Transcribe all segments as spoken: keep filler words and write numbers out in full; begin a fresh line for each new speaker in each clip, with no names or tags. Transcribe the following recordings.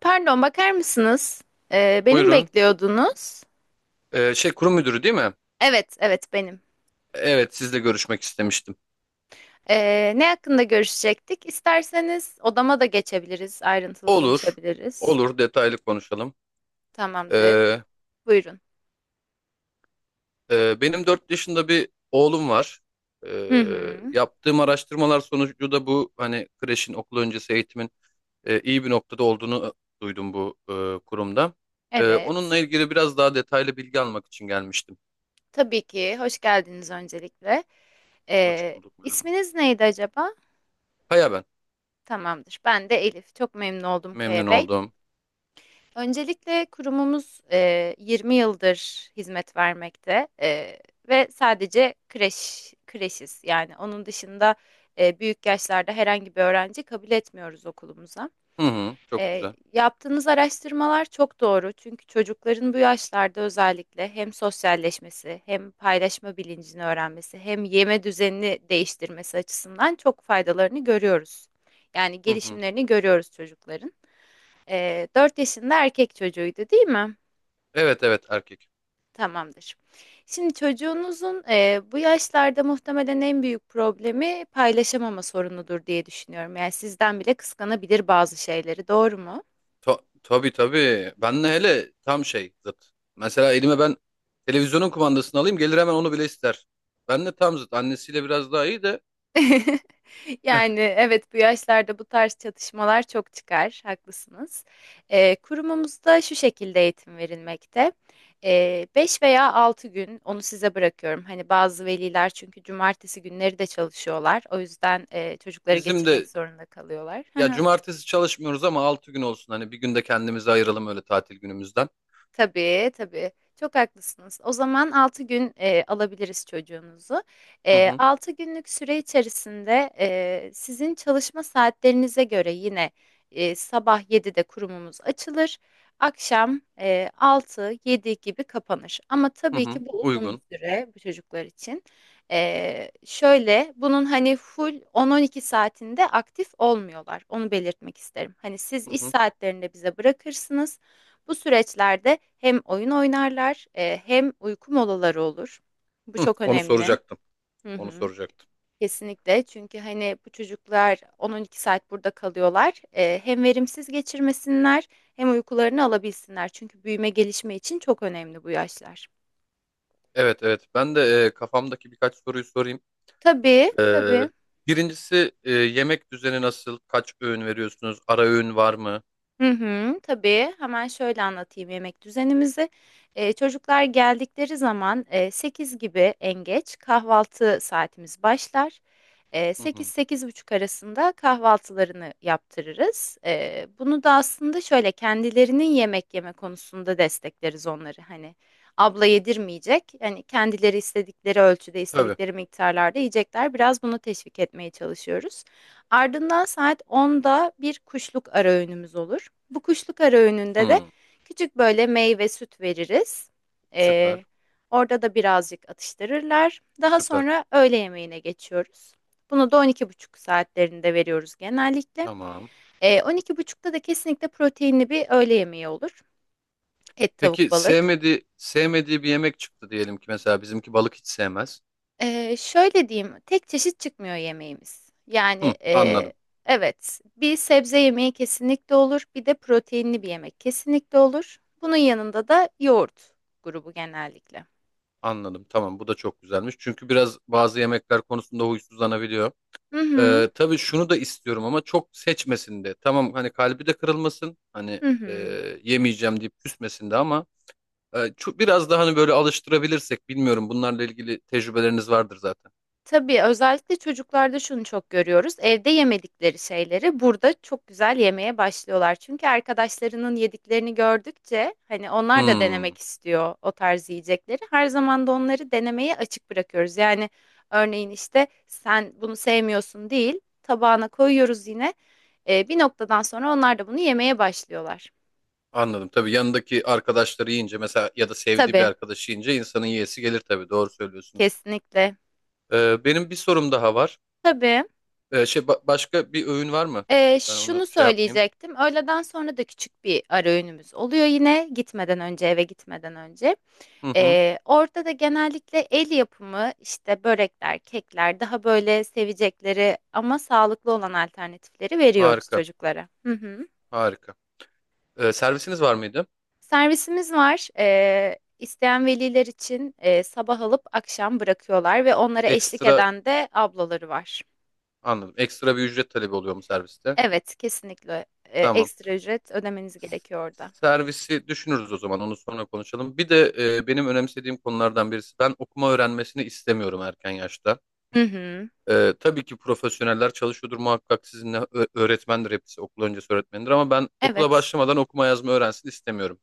Pardon, bakar mısınız? Ee, beni mi
Buyurun.
bekliyordunuz?
Ee, şey kurum müdürü değil mi?
Evet, evet benim.
Evet, sizle görüşmek istemiştim.
Ee, ne hakkında görüşecektik? İsterseniz odama da geçebiliriz, ayrıntılı
Olur.
konuşabiliriz.
Olur, detaylı konuşalım.
Tamamdır.
Ee,
Buyurun.
e, Benim dört yaşında bir oğlum var.
Hı
Ee,
hı.
yaptığım araştırmalar sonucu da bu hani kreşin okul öncesi eğitimin e, iyi bir noktada olduğunu e, duydum bu e, kurumda. Ee,
Evet.
onunla ilgili biraz daha detaylı bilgi almak için gelmiştim.
Tabii ki. Hoş geldiniz öncelikle.
Hoş
Ee,
bulduk. Merhaba.
isminiz neydi acaba?
Kaya ben.
Tamamdır. Ben de Elif. Çok memnun oldum
Memnun
Kaya Bey.
oldum.
Öncelikle kurumumuz eee, yirmi yıldır hizmet vermekte eee, ve sadece kreş kreşiz. Yani onun dışında eee, büyük yaşlarda herhangi bir öğrenci kabul etmiyoruz okulumuza.
Hı hı, çok
Eee,
güzel.
yaptığınız araştırmalar çok doğru çünkü çocukların bu yaşlarda özellikle hem sosyalleşmesi hem paylaşma bilincini öğrenmesi hem yeme düzenini değiştirmesi açısından çok faydalarını görüyoruz. Yani
Hı hı.
gelişimlerini görüyoruz çocukların. Ee, dört yaşında erkek çocuğuydu değil mi?
Evet, evet, erkek.
Tamamdır. Şimdi çocuğunuzun e, bu yaşlarda muhtemelen en büyük problemi paylaşamama sorunudur diye düşünüyorum. Yani sizden bile kıskanabilir bazı şeyleri, doğru mu?
Ta tabii tabii. Ben de hele tam şey zıt. Mesela elime ben televizyonun kumandasını alayım gelir, hemen onu bile ister. Ben de tam zıt. Annesiyle biraz daha iyi de.
Yani evet bu yaşlarda bu tarz çatışmalar çok çıkar, haklısınız. Ee, kurumumuzda şu şekilde eğitim verilmekte. Ee, beş veya altı gün onu size bırakıyorum. Hani bazı veliler çünkü cumartesi günleri de çalışıyorlar. O yüzden e, çocukları
Bizim
getirmek
de,
zorunda kalıyorlar.
ya, cumartesi çalışmıyoruz ama altı gün olsun. Hani bir günde kendimizi ayıralım öyle tatil günümüzden.
Tabii, tabii. Çok haklısınız. O zaman altı gün e, alabiliriz çocuğunuzu.
Hı
E,
hı
altı günlük süre içerisinde e, sizin çalışma saatlerinize göre yine e, sabah yedide kurumumuz açılır. Akşam e, altı yedi gibi kapanır. Ama
hı
tabii
hı,
ki bu uzun bir
uygun.
süre bu çocuklar için. E, şöyle bunun hani full on on iki saatinde aktif olmuyorlar. Onu belirtmek isterim. Hani siz
Hı
iş
hı.
saatlerinde bize bırakırsınız. Bu süreçlerde hem oyun oynarlar, eee, hem uyku molaları olur. Bu
Hı,
çok
onu
önemli.
soracaktım.
Hı
Onu
hı.
soracaktım.
Kesinlikle çünkü, hani, bu çocuklar on on iki saat burada kalıyorlar. Eee, hem verimsiz geçirmesinler hem uykularını alabilsinler. Çünkü büyüme gelişme için çok önemli bu yaşlar.
Evet, evet, ben de e, kafamdaki birkaç soruyu sorayım.
Tabii,
E,
tabii.
Birincisi, e, yemek düzeni nasıl? Kaç öğün veriyorsunuz? Ara öğün var mı?
Hı hı, tabii. Hemen şöyle anlatayım yemek düzenimizi. Eee, çocuklar geldikleri zaman eee, sekiz gibi en geç kahvaltı saatimiz başlar.
Hı
Sekiz
hı.
sekiz buçuk arasında kahvaltılarını yaptırırız. Eee, bunu da aslında şöyle kendilerinin yemek yeme konusunda destekleriz onları. Hani abla yedirmeyecek. Hani kendileri istedikleri ölçüde,
Tabii.
istedikleri miktarlarda yiyecekler. Biraz bunu teşvik etmeye çalışıyoruz. Ardından saat onda bir kuşluk ara öğünümüz olur. Bu kuşluk ara öğününde de
Hı.
küçük böyle meyve süt veririz. Ee,
Süper.
orada da birazcık atıştırırlar. Daha
Süper.
sonra öğle yemeğine geçiyoruz. Bunu da on iki buçuk saatlerinde veriyoruz genellikle.
Tamam.
Ee, on iki buçukta da kesinlikle proteinli bir öğle yemeği olur. Et,
Peki
tavuk, balık.
sevmediği sevmediği bir yemek çıktı diyelim ki, mesela bizimki balık hiç sevmez.
Ee, şöyle diyeyim, tek çeşit çıkmıyor yemeğimiz. Yani
Hı,
e,
anladım.
evet, bir sebze yemeği kesinlikle olur, bir de proteinli bir yemek kesinlikle olur. Bunun yanında da yoğurt grubu genellikle.
Anladım. Tamam, bu da çok güzelmiş. Çünkü biraz bazı yemekler konusunda huysuzlanabiliyor.
Hı hı,
Ee, tabii şunu da istiyorum ama çok seçmesin de. Tamam, hani kalbi de kırılmasın. Hani,
hı
e,
hı.
yemeyeceğim deyip küsmesin de, ama e, ço- biraz daha hani böyle alıştırabilirsek, bilmiyorum, bunlarla ilgili tecrübeleriniz vardır zaten.
Tabii özellikle çocuklarda şunu çok görüyoruz. Evde yemedikleri şeyleri burada çok güzel yemeye başlıyorlar. Çünkü arkadaşlarının yediklerini gördükçe hani onlar da
Hmm.
denemek istiyor o tarz yiyecekleri. Her zaman da onları denemeye açık bırakıyoruz. Yani örneğin işte sen bunu sevmiyorsun değil, tabağına koyuyoruz yine. Ee, bir noktadan sonra onlar da bunu yemeye başlıyorlar.
Anladım. Tabii yanındaki arkadaşları yiyince, mesela, ya da sevdiği bir
Tabii,
arkadaşı yiyince insanın yiyesi gelir tabii. Doğru söylüyorsunuz.
kesinlikle.
Ee, benim bir sorum daha var.
Tabii.
Ee, şey ba- başka bir öğün var mı?
Ee,
Ben onu
şunu
şey yapmayayım.
söyleyecektim. Öğleden sonra da küçük bir ara öğünümüz oluyor yine gitmeden önce eve gitmeden önce.
Hı hı.
Ee, orada da genellikle el yapımı işte börekler, kekler daha böyle sevecekleri ama sağlıklı olan alternatifleri veriyoruz
Harika.
çocuklara. Hı hı.
Harika. Ee, servisiniz var mıydı?
Servisimiz var. Ee, isteyen veliler için e, sabah alıp akşam bırakıyorlar ve onlara eşlik
Ekstra
eden de ablaları var.
Anladım. Ekstra bir ücret talebi oluyor mu serviste?
Evet, kesinlikle e,
Tamam.
ekstra ücret ödemeniz gerekiyor orada.
Servisi düşünürüz o zaman. Onu sonra konuşalım. Bir de, e, benim önemsediğim konulardan birisi, ben okuma öğrenmesini istemiyorum erken yaşta.
Hı hı.
Ee, tabii ki profesyoneller çalışıyordur muhakkak sizinle, Ö- öğretmendir hepsi, okul öncesi öğretmendir, ama ben okula
Evet.
başlamadan okuma yazma öğrensin istemiyorum.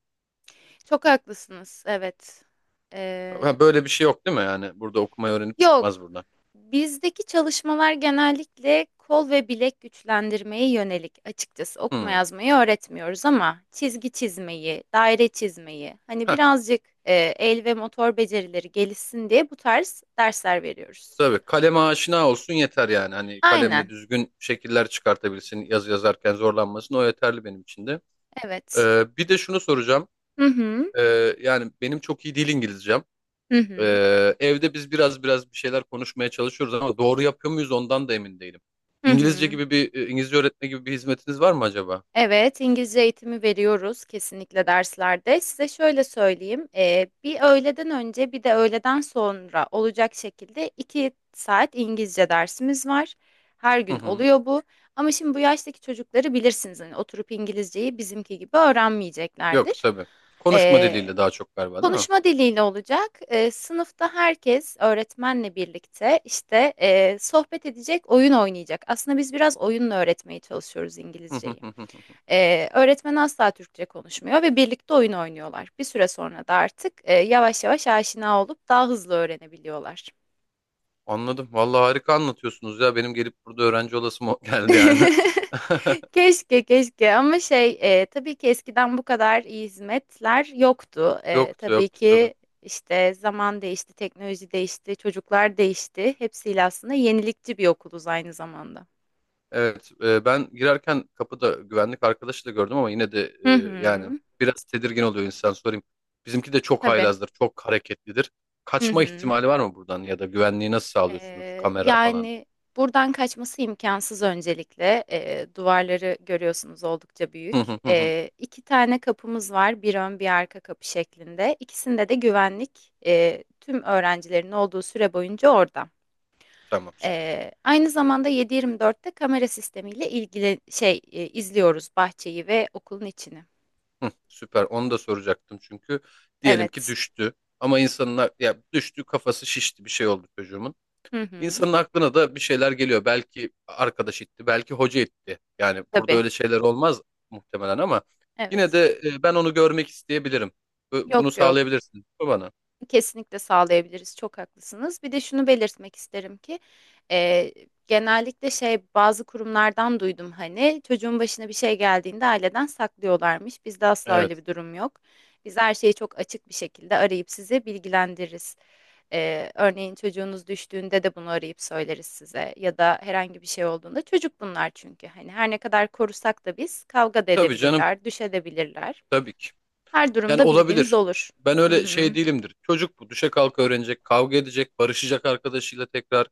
Çok haklısınız. Evet. Ee,
Ha, böyle bir şey yok değil mi, yani burada okumayı öğrenip çıkmaz
yok.
buradan.
Bizdeki çalışmalar genellikle kol ve bilek güçlendirmeye yönelik. Açıkçası okuma
Hmm.
yazmayı öğretmiyoruz ama çizgi çizmeyi, daire çizmeyi, hani
Heh,
birazcık e, el ve motor becerileri gelişsin diye bu tarz dersler veriyoruz.
tabii kaleme aşina olsun yeter, yani hani kalemle
Aynen.
düzgün şekiller çıkartabilsin, yazı yazarken zorlanmasın, o yeterli benim için de.
Evet.
Ee, bir de şunu soracağım.
Hı hı.
Ee, yani benim çok iyi değil İngilizcem.
Hı hı.
Ee, evde biz biraz biraz bir şeyler konuşmaya çalışıyoruz ama doğru yapıyor muyuz ondan da emin değilim.
Hı
İngilizce
hı.
gibi bir e, İngilizce öğretme gibi bir hizmetiniz var mı acaba?
Evet, İngilizce eğitimi veriyoruz kesinlikle derslerde. Size şöyle söyleyeyim, eee, bir öğleden önce bir de öğleden sonra olacak şekilde iki saat İngilizce dersimiz var. Her
Hı
gün
hı.
oluyor bu. Ama şimdi bu yaştaki çocukları bilirsiniz, hani oturup İngilizceyi bizimki gibi
Yok
öğrenmeyeceklerdir.
tabii. Konuşma
Eee,
diliyle daha çok galiba, değil mi?
konuşma diliyle olacak. Eee, sınıfta herkes öğretmenle birlikte işte eee, sohbet edecek, oyun oynayacak. Aslında biz biraz oyunla öğretmeye çalışıyoruz
Hı hı
İngilizceyi.
hı hı.
Ee, öğretmen asla Türkçe konuşmuyor ve birlikte oyun oynuyorlar. Bir süre sonra da artık e, yavaş yavaş aşina olup daha hızlı öğrenebiliyorlar.
Anladım. Vallahi harika anlatıyorsunuz ya. Benim gelip burada öğrenci olasım o- geldi yani.
Keşke keşke ama şey e, tabii ki eskiden bu kadar iyi hizmetler yoktu. E,
Yoktu
tabii
yoktu tabii.
ki işte zaman değişti, teknoloji değişti, çocuklar değişti. Hepsiyle aslında yenilikçi bir okuluz aynı zamanda.
Evet, e, ben girerken kapıda güvenlik arkadaşı da gördüm ama yine de, e,
Hı hı.
yani, biraz tedirgin oluyor insan, sorayım. Bizimki de çok
Tabii.
haylazdır, çok hareketlidir.
Hı
Kaçma
hı.
ihtimali var mı buradan, ya da güvenliği nasıl sağlıyorsunuz?
Ee,
Kamera falan.
yani buradan kaçması imkansız öncelikle. Ee, duvarları görüyorsunuz oldukça büyük.
Hı hı hı hı.
Ee, iki tane kapımız var, bir ön bir arka kapı şeklinde. İkisinde de güvenlik e, tüm öğrencilerin olduğu süre boyunca orada.
Tamam, süper.
Ee, aynı zamanda yedi yirmi dörtte kamera sistemiyle ilgili şey e, izliyoruz bahçeyi ve okulun içini.
Hı, süper. Onu da soracaktım çünkü diyelim ki
Evet.
düştü, ama insanlar, ya düştü, kafası şişti, bir şey oldu çocuğumun.
Hı hı.
İnsanın aklına da bir şeyler geliyor. Belki arkadaş etti, belki hoca etti. Yani burada
Tabii.
öyle şeyler olmaz muhtemelen ama yine
Evet.
de, e, ben onu görmek isteyebilirim. Bu- Bunu
Yok yok.
sağlayabilirsin mi bana.
Kesinlikle sağlayabiliriz. Çok haklısınız. Bir de şunu belirtmek isterim ki e, genellikle şey bazı kurumlardan duydum hani çocuğun başına bir şey geldiğinde aileden saklıyorlarmış. Bizde asla
Evet.
öyle bir durum yok. Biz her şeyi çok açık bir şekilde arayıp sizi bilgilendiririz. E, örneğin çocuğunuz düştüğünde de bunu arayıp söyleriz size ya da herhangi bir şey olduğunda çocuk bunlar çünkü hani her ne kadar korusak da biz kavga da
Tabii canım,
edebilirler, düşebilirler.
tabii ki.
Her
Yani
durumda bilginiz
olabilir.
olur.
Ben
Hı
öyle şey
hı.
değilimdir. Çocuk bu. Düşe kalka öğrenecek, kavga edecek, barışacak arkadaşıyla tekrar.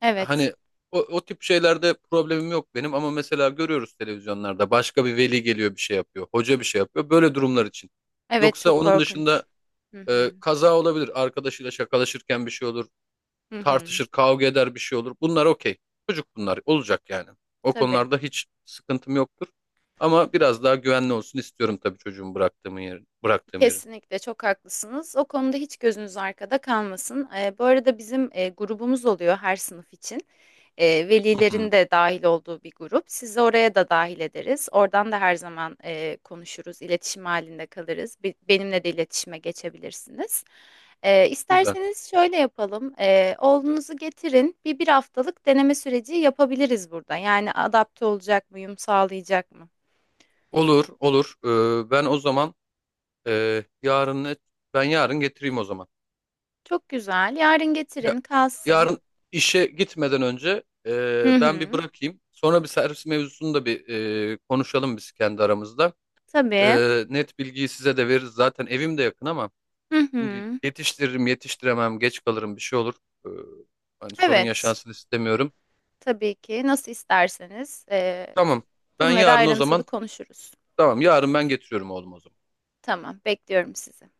Evet.
Hani o, o tip şeylerde problemim yok benim, ama mesela görüyoruz televizyonlarda, başka bir veli geliyor bir şey yapıyor, hoca bir şey yapıyor. Böyle durumlar için.
Evet
Yoksa
çok
onun
korkunç.
dışında,
Hı
Ee,
hı.
kaza olabilir. Arkadaşıyla şakalaşırken bir şey olur.
Hı hı.
Tartışır, kavga eder, bir şey olur. Bunlar okey. Çocuk bunlar. Olacak yani. O
Tabii.
konularda hiç sıkıntım yoktur. Ama biraz daha güvenli olsun istiyorum tabii çocuğumu bıraktığım yerin. Bıraktığım yerin.
Kesinlikle çok haklısınız. O konuda hiç gözünüz arkada kalmasın. Eee, bu arada bizim eee, grubumuz oluyor her sınıf için. Eee,
Hı
velilerin
hı.
de dahil olduğu bir grup. Sizi oraya da dahil ederiz. Oradan da her zaman eee, konuşuruz, iletişim halinde kalırız. Be- benimle de iletişime geçebilirsiniz. Eee
Güzel.
isterseniz şöyle yapalım. Eee, oğlunuzu getirin. Bir bir haftalık deneme süreci yapabiliriz burada. Yani adapte olacak mı, uyum sağlayacak mı?
Olur, olur. Ee, ben o zaman, e, yarın ne? Ben yarın getireyim o zaman.
Çok güzel. Yarın
Ya,
getirin, kalsın.
yarın işe gitmeden önce,
Hı
e, ben bir
hı.
bırakayım. Sonra bir servis mevzusunu da bir, e, konuşalım biz kendi aramızda.
Tabii.
Ee, net bilgiyi size de veririz. Zaten evim de yakın ama
Hı hı.
şimdi yetiştiririm, yetiştiremem, geç kalırım, bir şey olur. Ee, Hani sorun
Evet.
yaşansın istemiyorum.
Tabii ki. Nasıl isterseniz. Ee,
Tamam. Ben
bunları
yarın o
ayrıntılı
zaman,
konuşuruz.
tamam, yarın ben getiriyorum oğlum o zaman.
Tamam, bekliyorum sizi.